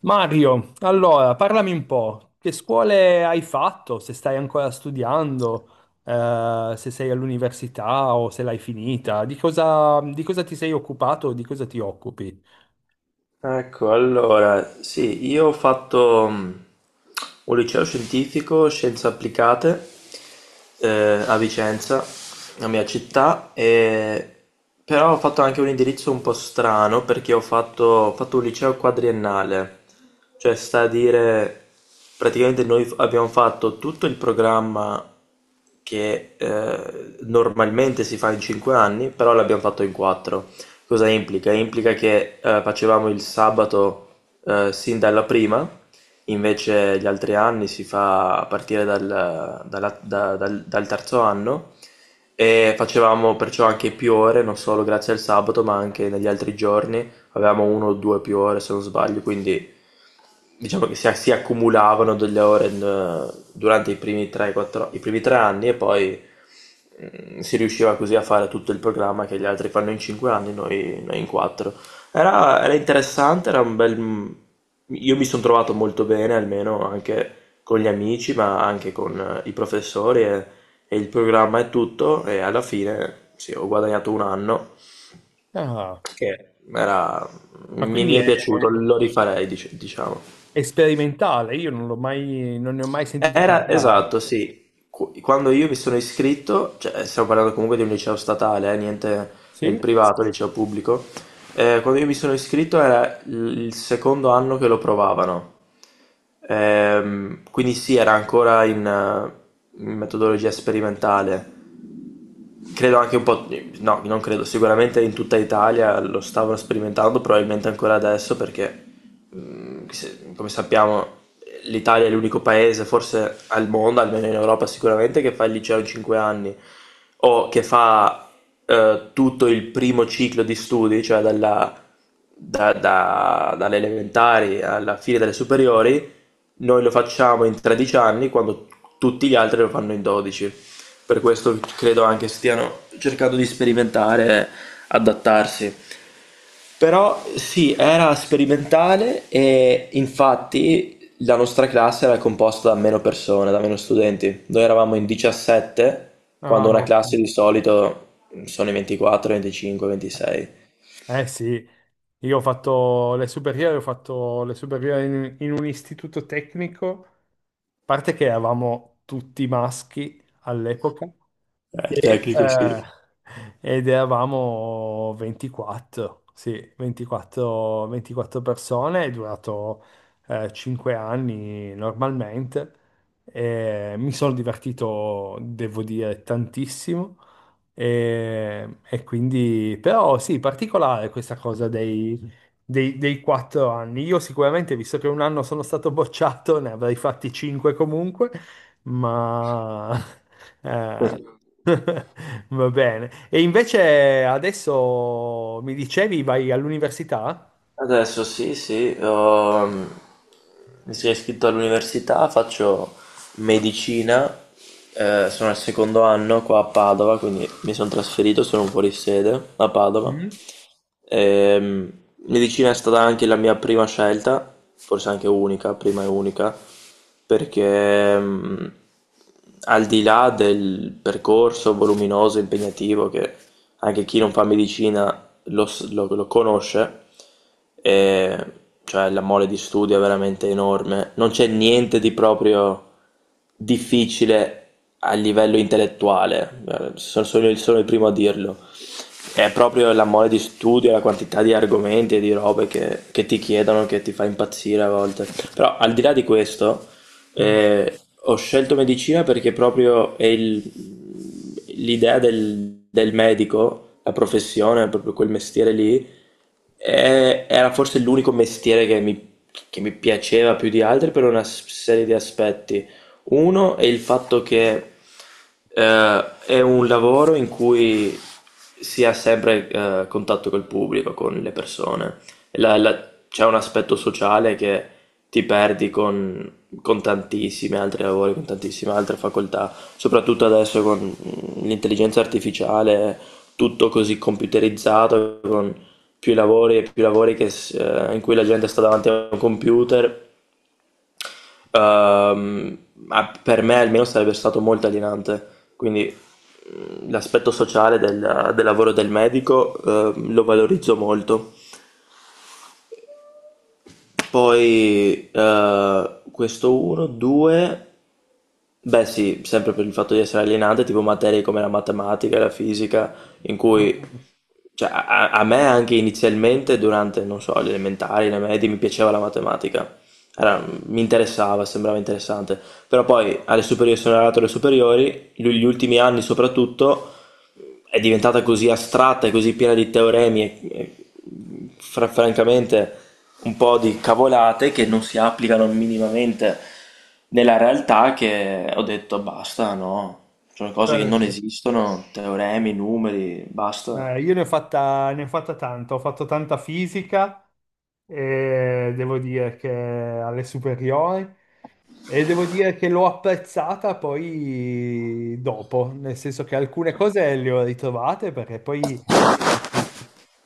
Mario, allora parlami un po', che scuole hai fatto? Se stai ancora studiando, se sei all'università o se l'hai finita, di cosa ti sei occupato, di cosa ti occupi? Ecco, allora, sì, io ho fatto un liceo scientifico, scienze applicate, a Vicenza, la mia città, però ho fatto anche un indirizzo un po' strano perché ho fatto un liceo quadriennale, cioè sta a dire, praticamente noi abbiamo fatto tutto il programma che normalmente si fa in 5 anni, però l'abbiamo fatto in 4. Cosa implica? Implica che facevamo il sabato sin dalla prima, invece gli altri anni si fa a partire dal, dalla- da- dal- dal terzo anno e facevamo perciò anche più ore, non solo grazie al sabato, ma anche negli altri giorni. Avevamo uno o due più ore se non sbaglio, quindi diciamo che si accumulavano delle ore durante i primi 3-4, i primi 3 anni e poi si riusciva così a fare tutto il programma che gli altri fanno in 5 anni, noi in 4. Era interessante, era un bel. Io mi sono trovato molto bene, almeno anche con gli amici, ma anche con i professori e il programma e tutto, e alla fine sì, ho guadagnato un anno Ah, che era- ma mi è piaciuto, lo rifarei, diciamo. è sperimentale, io non ne ho mai sentito Era parlare. esatto, sì. Quando io mi sono iscritto, cioè stiamo parlando comunque di un liceo statale, niente nel Sì? privato, liceo pubblico. Quando io mi sono iscritto era il secondo anno che lo provavano. Quindi sì, era ancora in metodologia sperimentale credo anche un po', no, non credo, sicuramente in tutta Italia lo stavano sperimentando, probabilmente ancora adesso perché, come sappiamo, l'Italia è l'unico paese, forse al mondo, almeno in Europa sicuramente, che fa il liceo in 5 anni o che fa tutto il primo ciclo di studi, cioè dalle elementari alla fine delle superiori, noi lo facciamo in 13 anni quando tutti gli altri lo fanno in 12. Per questo credo anche stiano cercando di sperimentare, adattarsi. Però sì, era sperimentale e infatti la nostra classe era composta da meno persone, da meno studenti. Noi eravamo in 17, Ah, quando una classe ok. di solito sono i 24, 25, 26. Eh sì, io ho fatto le superiori, ho fatto le superiori in un istituto tecnico, a parte che eravamo tutti maschi all'epoca, Il e, tecnico eh, sì. ed eravamo 24, sì, 24, 24 persone, è durato 5 anni normalmente, e mi sono divertito, devo dire, tantissimo. E quindi, però sì, particolare questa cosa dei 4 anni. Io sicuramente, visto che un anno sono stato bocciato, ne avrei fatti 5 comunque, ma eh, va bene. E invece adesso mi dicevi, vai all'università? Adesso sì, sì, mi sono iscritto all'università, faccio medicina, sono al secondo anno qua a Padova, quindi mi sono trasferito, sono fuori sede a Padova. Mm? Ehm, medicina è stata anche la mia prima scelta, forse anche unica, prima e unica, perché al di là del percorso voluminoso, impegnativo, che anche chi non fa medicina lo conosce, e cioè la mole di studio è veramente enorme. Non c'è niente di proprio difficile a livello intellettuale, sono il primo a dirlo. È proprio la mole di studio, la quantità di argomenti e di robe che ti chiedono che ti fa impazzire a volte. Però al di là di questo, Mm, ho scelto medicina perché proprio l'idea del medico, la professione, proprio quel mestiere lì era forse l'unico mestiere che mi piaceva più di altri per una serie di aspetti. Uno è il fatto che è un lavoro in cui si ha sempre contatto col pubblico, con le persone. C'è un aspetto sociale che ti perdi con tantissimi altri lavori, con tantissime altre facoltà, soprattutto adesso con l'intelligenza artificiale, tutto così computerizzato, con più lavori e più lavori che s in cui la gente sta davanti a un computer, uhm, ma per me almeno sarebbe stato molto alienante. Quindi, l'aspetto sociale del lavoro del medico, lo valorizzo molto. Poi, questo 1, 2, beh sì, sempre per il fatto di essere alienante, tipo materie come la matematica e la fisica in cui mm, cioè, a me anche inizialmente durante, non so, le elementari, le medie, mi piaceva la matematica. Mi interessava, sembrava interessante. Però poi alle superiori sono arrivato alle superiori, gli ultimi anni soprattutto, è diventata così astratta e così piena di teoremi e, e, francamente un po' di cavolate che non si applicano minimamente nella realtà che ho detto basta, no, sono cose che non certo. esistono, teoremi, numeri, basta. Io ne ho fatta tanto, ho fatto tanta fisica e devo dire che alle superiori. E devo dire che l'ho apprezzata poi dopo, nel senso che alcune cose le ho ritrovate perché poi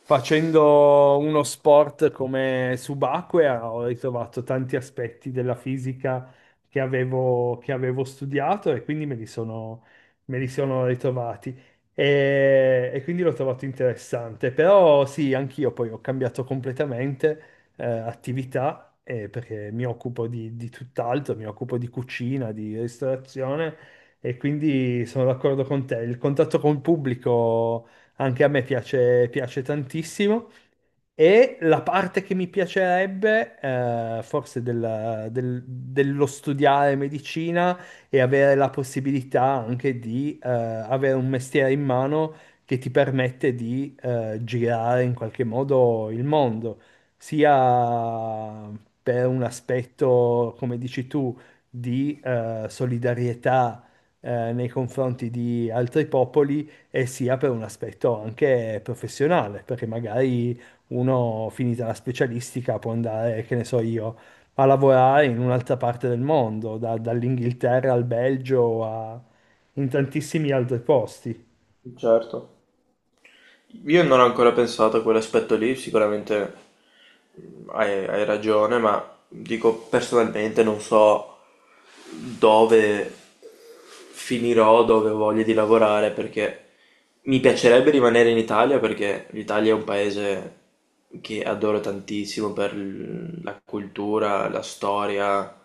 facendo uno sport come subacquea ho ritrovato tanti aspetti della fisica che avevo studiato e quindi me li sono ritrovati. E quindi l'ho trovato interessante, però sì, anch'io poi ho cambiato completamente attività, perché mi occupo di tutt'altro, mi occupo di cucina, di ristorazione e quindi sono d'accordo con te. Il contatto con il pubblico anche a me piace, piace tantissimo e la parte che mi piacerebbe, forse dello studiare medicina e avere la possibilità anche di avere un mestiere in mano che ti permette di girare in qualche modo il mondo, sia per un aspetto, come dici tu, di solidarietà, nei confronti di altri popoli e sia per un aspetto anche professionale, perché magari uno finita la specialistica può andare, che ne so io, a lavorare in un'altra parte del mondo, dall'Inghilterra al Belgio a in tantissimi altri posti. Certo. Io non ho ancora pensato a quell'aspetto lì, sicuramente hai ragione, ma dico personalmente non so dove finirò, dove ho voglia di lavorare, perché mi piacerebbe rimanere in Italia, perché l'Italia è un paese che adoro tantissimo per la cultura, la storia.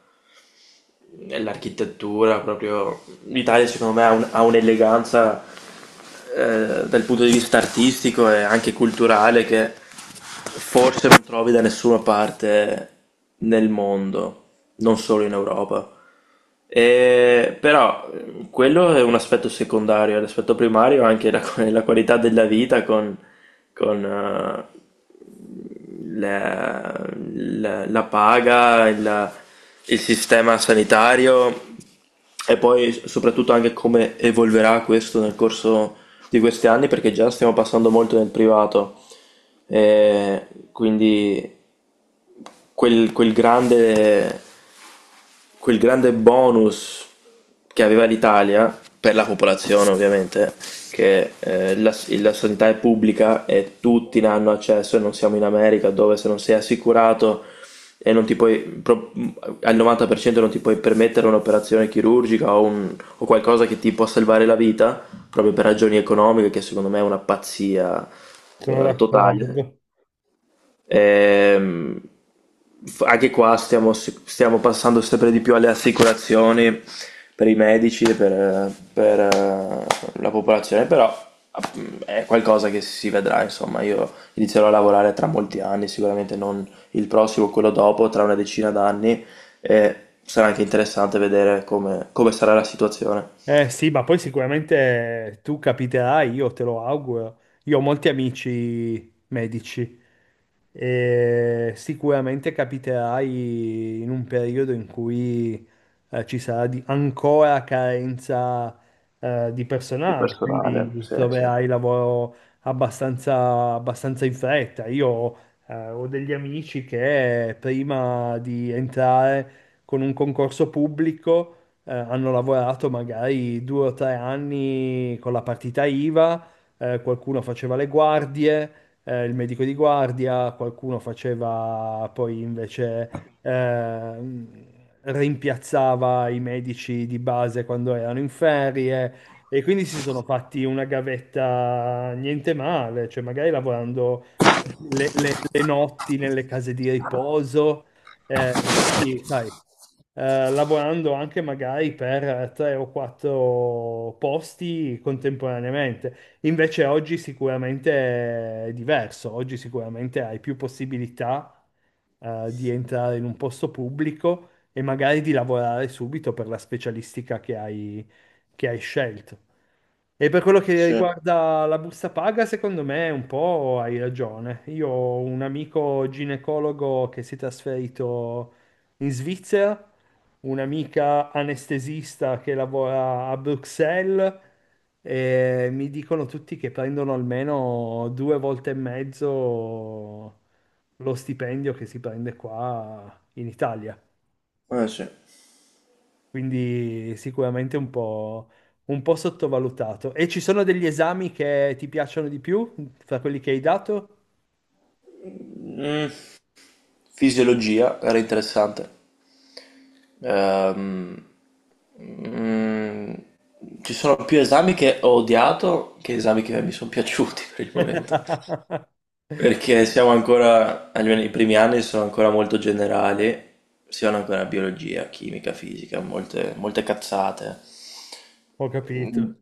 Nell'architettura proprio l'Italia secondo me ha un'eleganza dal punto di vista artistico e anche culturale che forse non trovi da nessuna parte nel mondo, non solo in Europa. Però quello è un aspetto secondario, l'aspetto primario è anche la, la qualità della vita con, con, eh, la, la paga, il sistema sanitario e poi soprattutto anche come evolverà questo nel corso di questi anni, perché già stiamo passando molto nel privato, e quindi quel, quel grande, quel grande bonus che aveva l'Italia, per la popolazione ovviamente, che la sanità è pubblica e tutti ne hanno accesso e non siamo in America dove se non sei assicurato e non ti puoi, al 90% non ti puoi permettere un'operazione chirurgica o o qualcosa che ti può salvare la vita, proprio per ragioni economiche, che secondo me è una pazzia Sono totale. d'accordo. Ehm, anche qua stiamo passando sempre di più alle assicurazioni per i medici e per la popolazione, però app- è qualcosa che si vedrà, insomma, io inizierò a lavorare tra molti anni, sicuramente non il prossimo, quello dopo, tra una decina d'anni, e sarà anche interessante vedere come sarà la situazione Eh sì, ma poi sicuramente tu capiterai, io te lo auguro. Io ho molti amici medici e sicuramente capiterai in un periodo in cui ci sarà ancora carenza di di personale, personale. quindi Sì, sì. troverai lavoro abbastanza, abbastanza in fretta. Io ho degli amici che prima di entrare con un concorso pubblico hanno lavorato magari 2 o 3 anni con la partita IVA, qualcuno faceva le guardie, il medico di guardia, qualcuno faceva poi invece ehm, rimpiazzava i medici di base quando erano in ferie e quindi si sono fatti una gavetta niente male, cioè magari lavorando le notti nelle case di riposo. Eh, quindi, sai, lavorando anche magari per 3 o 4 posti contemporaneamente. Invece oggi sicuramente è diverso, oggi sicuramente hai più possibilità, di entrare in un posto pubblico e magari di lavorare subito per la specialistica che hai scelto. E per quello che Sì, riguarda la busta paga, secondo me un po' hai ragione. Io ho un amico ginecologo che si è trasferito in Svizzera, un'amica anestesista che lavora a Bruxelles e mi dicono tutti che prendono almeno due volte e mezzo lo stipendio che si prende qua in Italia. eh, sì. Quindi sicuramente un po' sottovalutato. E ci sono degli esami che ti piacciono di più fra quelli che hai dato? Mm, fisiologia era interessante. Ehm, mm, ci sono più esami che ho odiato che esami che mi Mhm. sono piaciuti per il momento. Perché siamo ancora, almeno i primi anni sono ancora molto generali, siano ancora biologia, chimica, fisica, molte, molte cazzate. Ho Mm, capito.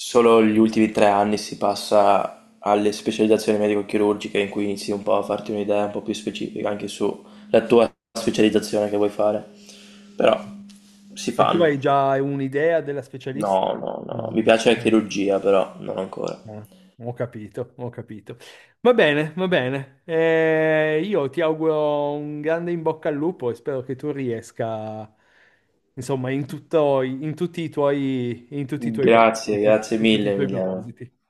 Solo gli ultimi 3 anni si passa alle specializzazioni medico-chirurgiche in cui inizi un po' a farti un'idea un po' più specifica anche sulla tua specializzazione che vuoi fare. Però si E tu fanno. hai già un'idea della No, specialistica? no, no. Mi No. piace la Ah, chirurgia, però non ancora. ah, ho capito, ho capito. Va bene, va bene. Io ti auguro un grande in bocca al lupo e spero che tu riesca, insomma, in tutto, in tutti i tuoi Grazie, propositi, grazie in tutti i mille, tuoi Emiliano. propositi.